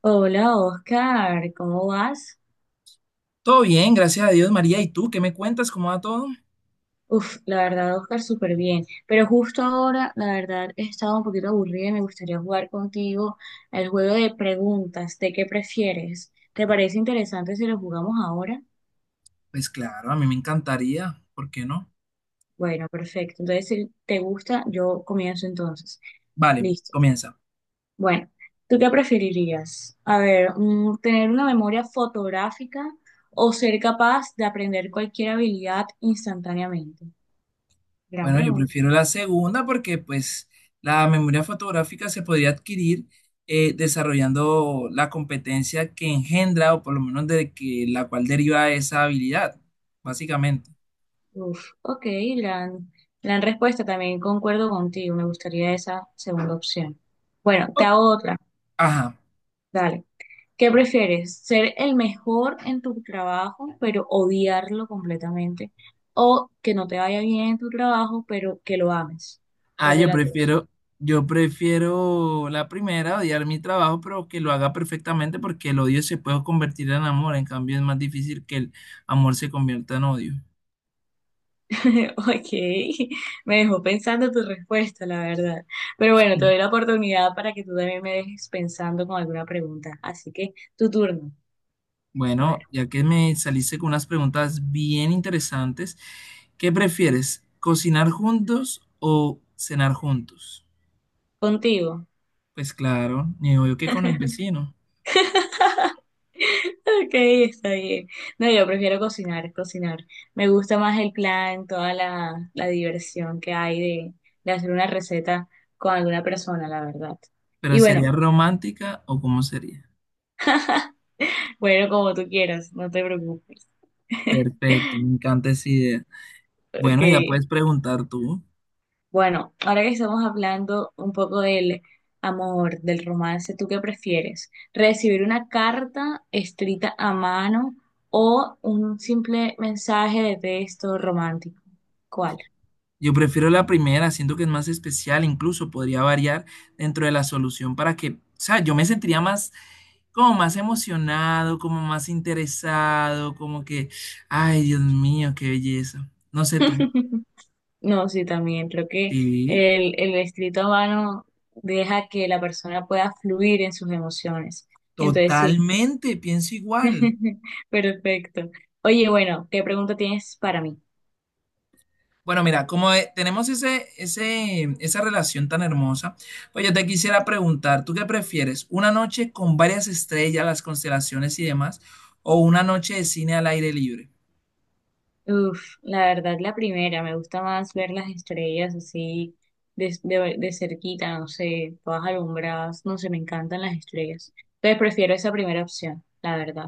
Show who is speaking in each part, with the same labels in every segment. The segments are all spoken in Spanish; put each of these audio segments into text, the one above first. Speaker 1: Hola Oscar, ¿cómo vas?
Speaker 2: Todo bien, gracias a Dios, María. ¿Y tú qué me cuentas? ¿Cómo va todo?
Speaker 1: Uf, la verdad Oscar, súper bien. Pero justo ahora, la verdad, he estado un poquito aburrida y me gustaría jugar contigo el juego de preguntas, ¿de qué prefieres? ¿Te parece interesante si lo jugamos ahora?
Speaker 2: Pues claro, a mí me encantaría, ¿por qué no?
Speaker 1: Bueno, perfecto. Entonces, si te gusta, yo comienzo entonces.
Speaker 2: Vale,
Speaker 1: Listo.
Speaker 2: comienza.
Speaker 1: Bueno, ¿tú qué preferirías? A ver, ¿tener una memoria fotográfica o ser capaz de aprender cualquier habilidad instantáneamente? Gran
Speaker 2: Bueno, yo
Speaker 1: pregunta.
Speaker 2: prefiero la segunda porque pues la memoria fotográfica se podría adquirir desarrollando la competencia que engendra o por lo menos de que la cual deriva esa habilidad, básicamente.
Speaker 1: Uf, ok, gran, gran respuesta también, concuerdo contigo, me gustaría esa segunda opción. Bueno, te
Speaker 2: O-
Speaker 1: hago otra,
Speaker 2: Ajá.
Speaker 1: dale. ¿Qué prefieres? ¿Ser el mejor en tu trabajo, pero odiarlo completamente? ¿O que no te vaya bien en tu trabajo, pero que lo ames?
Speaker 2: Ah,
Speaker 1: ¿Cuál de
Speaker 2: yo
Speaker 1: las dos?
Speaker 2: prefiero, yo prefiero la primera, odiar mi trabajo, pero que lo haga perfectamente porque el odio se puede convertir en amor. En cambio, es más difícil que el amor se convierta en odio.
Speaker 1: Ok, me dejó pensando tu respuesta, la verdad. Pero bueno, te
Speaker 2: Mm.
Speaker 1: doy la oportunidad para que tú también me dejes pensando con alguna pregunta. Así que tu turno, a
Speaker 2: Bueno,
Speaker 1: ver,
Speaker 2: ya que me saliste con unas preguntas bien interesantes, ¿qué prefieres? ¿Cocinar juntos o cenar juntos?
Speaker 1: contigo.
Speaker 2: Pues claro, ni obvio que con el vecino,
Speaker 1: Ok, está bien. No, yo prefiero cocinar, cocinar. Me gusta más el plan, toda la diversión que hay de hacer una receta con alguna persona, la verdad.
Speaker 2: pero
Speaker 1: Y bueno,
Speaker 2: ¿sería romántica o cómo sería?
Speaker 1: bueno, como tú quieras, no te preocupes.
Speaker 2: Perfecto, me encanta esa idea.
Speaker 1: Ok,
Speaker 2: Bueno, ya puedes preguntar tú.
Speaker 1: bueno, ahora que estamos hablando un poco del amor, del romance, ¿tú qué prefieres? ¿Recibir una carta escrita a mano o un simple mensaje de texto romántico? ¿Cuál?
Speaker 2: Yo prefiero la primera, siento que es más especial, incluso podría variar dentro de la solución para que, o sea, yo me sentiría más, como más emocionado, como más interesado, como que, ay, Dios mío, qué belleza. No sé tú.
Speaker 1: No, sí, también creo que
Speaker 2: Sí,
Speaker 1: el escrito a mano deja que la persona pueda fluir en sus emociones. Entonces, sí,
Speaker 2: totalmente, pienso igual.
Speaker 1: perfecto. Oye, bueno, ¿qué pregunta tienes para mí?
Speaker 2: Bueno, mira, como tenemos esa relación tan hermosa, pues yo te quisiera preguntar, ¿tú qué prefieres? ¿Una noche con varias estrellas, las constelaciones y demás, o una noche de cine al aire libre?
Speaker 1: Uf, la verdad, la primera, me gusta más ver las estrellas así de cerquita, no sé, todas alumbradas, no sé, me encantan las estrellas. Entonces, prefiero esa primera opción, la verdad.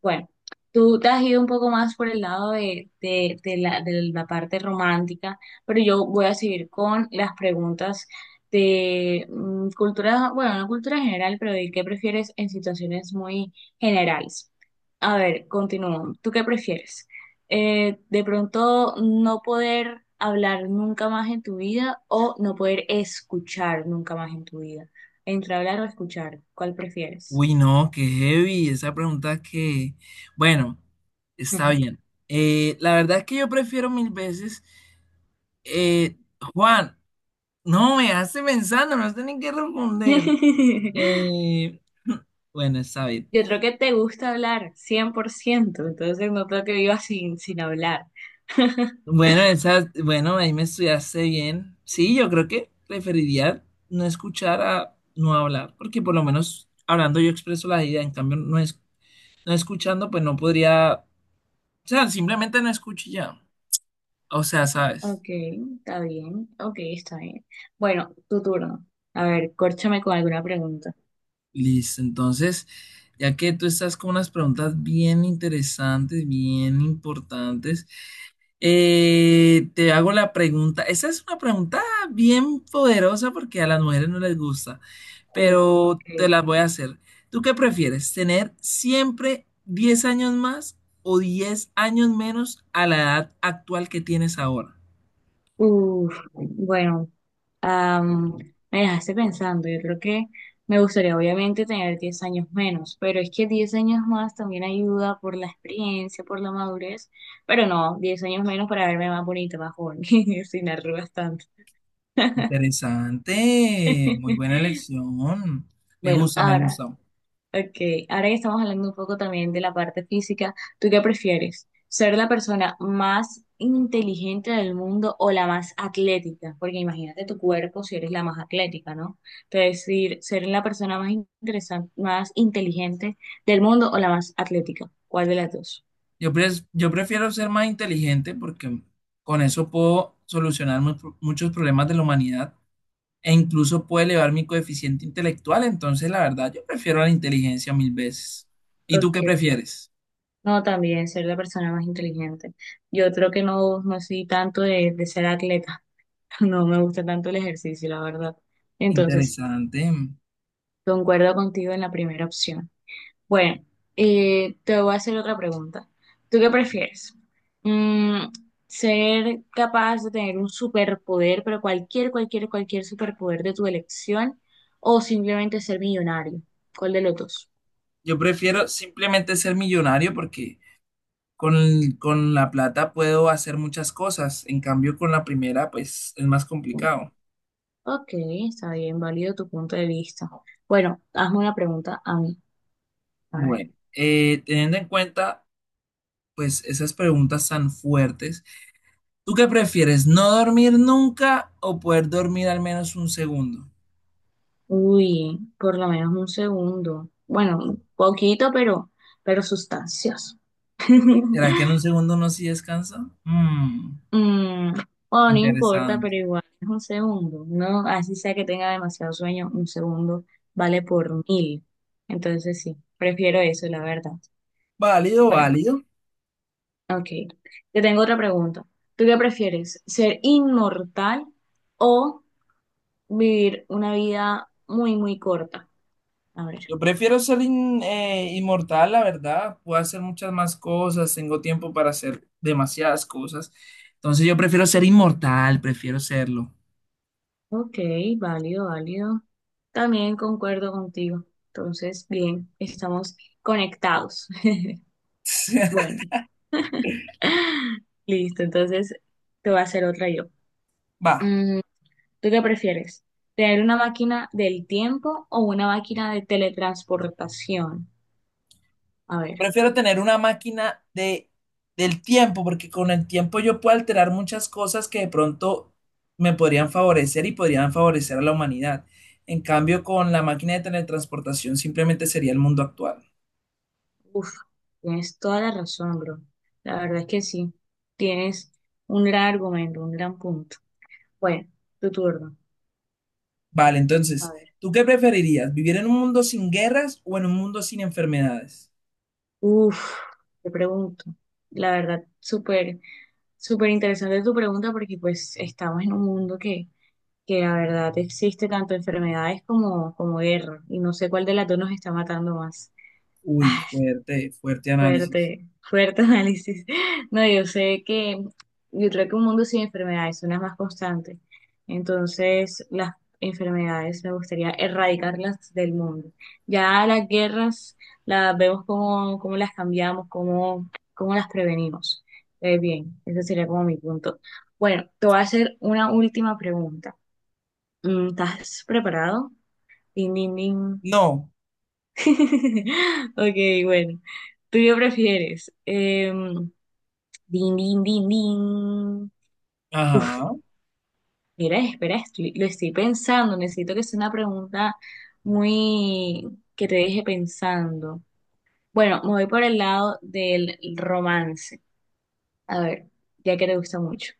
Speaker 1: Bueno, tú te has ido un poco más por el lado de la parte romántica, pero yo voy a seguir con las preguntas de cultura, bueno, no cultura general, pero de qué prefieres en situaciones muy generales. A ver, continúo. ¿Tú qué prefieres? De pronto no poder hablar nunca más en tu vida o no poder escuchar nunca más en tu vida. Entre hablar o escuchar, ¿cuál prefieres?
Speaker 2: Uy, no, qué heavy, esa pregunta que, bueno, está bien. La verdad es que yo prefiero mil veces, eh, Juan, no me hace pensando, no sé ni qué responder. Eh, bueno, está bien.
Speaker 1: Yo creo que te gusta hablar, 100% entonces no creo que vivas sin hablar.
Speaker 2: Bueno, esa, bueno, ahí me estudiaste bien. Sí, yo creo que preferiría no escuchar a no hablar, porque por lo menos hablando yo expreso la idea, en cambio no es, no escuchando, pues no podría, o sea, simplemente no escucho y ya. O sea, ¿sabes?
Speaker 1: Ok, está bien, ok, está bien. Bueno, tu turno. A ver, córchame con alguna pregunta.
Speaker 2: Listo, entonces, ya que tú estás con unas preguntas bien interesantes, bien importantes, te hago la pregunta. Esa es una pregunta bien poderosa porque a las mujeres no les gusta,
Speaker 1: Uf,
Speaker 2: pero
Speaker 1: ok.
Speaker 2: te la voy a hacer. ¿Tú qué prefieres? ¿Tener siempre 10 años más o 10 años menos a la edad actual que tienes ahora?
Speaker 1: Uf, bueno, am, me dejaste pensando, yo creo que me gustaría obviamente tener 10 años menos, pero es que 10 años más también ayuda por la experiencia, por la madurez, pero no, 10 años menos para verme más bonita, más joven, sin arrugas tanto.
Speaker 2: Interesante, muy buena elección. Me
Speaker 1: Bueno,
Speaker 2: gusta, me
Speaker 1: ahora,
Speaker 2: gusta.
Speaker 1: ok, ahora que estamos hablando un poco también de la parte física, ¿tú qué prefieres? ¿Ser la persona más inteligente del mundo o la más atlética? Porque imagínate tu cuerpo si eres la más atlética, ¿no? Entonces, decir, ser la persona más interesante, más inteligente del mundo o la más atlética. ¿Cuál de las dos?
Speaker 2: Yo prefiero ser más inteligente porque con eso puedo solucionar muchos problemas de la humanidad e incluso puedo elevar mi coeficiente intelectual. Entonces, la verdad, yo prefiero la inteligencia mil veces. ¿Y tú
Speaker 1: Ok.
Speaker 2: qué prefieres?
Speaker 1: No, también ser la persona más inteligente. Yo creo que no, no soy tanto de ser atleta. No me gusta tanto el ejercicio, la verdad. Entonces.
Speaker 2: Interesante.
Speaker 1: Concuerdo contigo en la primera opción. Bueno, te voy a hacer otra pregunta. ¿Tú qué prefieres? Mm, ¿Ser capaz de tener un superpoder, pero cualquier superpoder de tu elección, o simplemente ser millonario? ¿Cuál de los dos?
Speaker 2: Yo prefiero simplemente ser millonario porque con, con la plata puedo hacer muchas cosas. En cambio, con la primera, pues es más complicado.
Speaker 1: Ok, está bien, válido tu punto de vista. Bueno, hazme una pregunta a mí. A ver.
Speaker 2: Bueno, teniendo en cuenta, pues esas preguntas tan fuertes. ¿Tú qué prefieres? ¿No dormir nunca o poder dormir al menos un segundo?
Speaker 1: Uy, por lo menos un segundo. Bueno, un poquito, pero sustancioso.
Speaker 2: ¿Será que en un segundo uno sí descansa? Mm,
Speaker 1: Mm, bueno, no importa,
Speaker 2: interesante.
Speaker 1: pero igual es un segundo, ¿no? Así sea que tenga demasiado sueño, un segundo vale por mil. Entonces sí, prefiero eso, la verdad.
Speaker 2: Válido,
Speaker 1: Bueno,
Speaker 2: válido.
Speaker 1: ok. Te tengo otra pregunta. ¿Tú qué prefieres? ¿Ser inmortal o vivir una vida muy, muy corta? A ver.
Speaker 2: Yo prefiero ser inmortal, la verdad. Puedo hacer muchas más cosas, tengo tiempo para hacer demasiadas cosas. Entonces yo prefiero ser inmortal, prefiero serlo.
Speaker 1: Ok, válido, válido. También concuerdo contigo. Entonces, bien, estamos conectados. Bueno. Listo, entonces te voy a hacer otra yo.
Speaker 2: Va.
Speaker 1: Mm, ¿Tú qué prefieres? ¿Tener una máquina del tiempo o una máquina de teletransportación? A ver,
Speaker 2: Prefiero tener una máquina de, del tiempo, porque con el tiempo yo puedo alterar muchas cosas que de pronto me podrían favorecer y podrían favorecer a la humanidad. En cambio, con la máquina de teletransportación simplemente sería el mundo actual.
Speaker 1: uff, tienes toda la razón, bro. La verdad es que sí, tienes un gran argumento, un gran punto. Bueno, tu turno.
Speaker 2: Vale,
Speaker 1: A
Speaker 2: entonces,
Speaker 1: ver,
Speaker 2: ¿tú qué preferirías? ¿Vivir en un mundo sin guerras o en un mundo sin enfermedades?
Speaker 1: uff, te pregunto. La verdad, súper, súper interesante tu pregunta porque pues estamos en un mundo que la verdad existe tanto enfermedades como guerra, y no sé cuál de las dos nos está matando más. Ah,
Speaker 2: Uy, fuerte, fuerte análisis.
Speaker 1: fuerte, fuerte análisis. No, yo creo que un mundo sin enfermedades es una más constante. Entonces, las enfermedades me gustaría erradicarlas del mundo. Ya las guerras las vemos cómo las cambiamos, cómo las prevenimos. Bien, ese sería como mi punto. Bueno, te voy a hacer una última pregunta. ¿Estás preparado? Ding ding ding.
Speaker 2: No,
Speaker 1: Ok, bueno. ¿Tú qué prefieres? Din, din, din, din. Uf,
Speaker 2: ajá.
Speaker 1: mira, espera, lo estoy pensando. Necesito que sea una pregunta muy que te deje pensando. Bueno, me voy por el lado del romance. A ver, ya que te gusta mucho.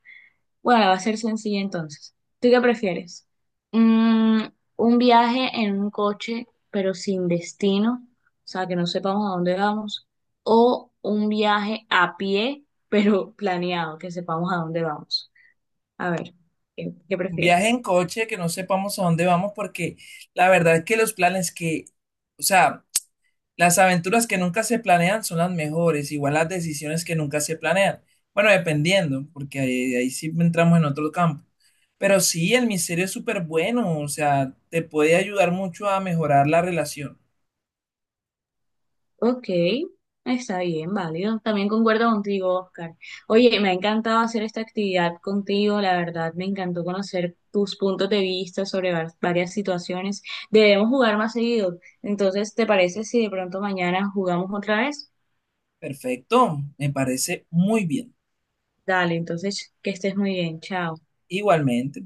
Speaker 1: Bueno, va a ser sencilla entonces. ¿Tú qué prefieres? Mm, un viaje en un coche, pero sin destino, o sea, que no sepamos a dónde vamos, o un viaje a pie, pero planeado, que sepamos a dónde vamos. A ver, ¿qué
Speaker 2: Un viaje
Speaker 1: prefieres?
Speaker 2: en coche que no sepamos a dónde vamos, porque la verdad es que los planes que, o sea, las aventuras que nunca se planean son las mejores, igual las decisiones que nunca se planean. Bueno, dependiendo, porque ahí, ahí sí entramos en otro campo. Pero sí, el misterio es súper bueno, o sea, te puede ayudar mucho a mejorar la relación.
Speaker 1: Ok, está bien, válido. También concuerdo contigo, Oscar. Oye, me ha encantado hacer esta actividad contigo, la verdad, me encantó conocer tus puntos de vista sobre varias situaciones. Debemos jugar más seguido. Entonces, ¿te parece si de pronto mañana jugamos otra vez?
Speaker 2: Perfecto, me parece muy bien.
Speaker 1: Dale, entonces, que estés muy bien, chao.
Speaker 2: Igualmente.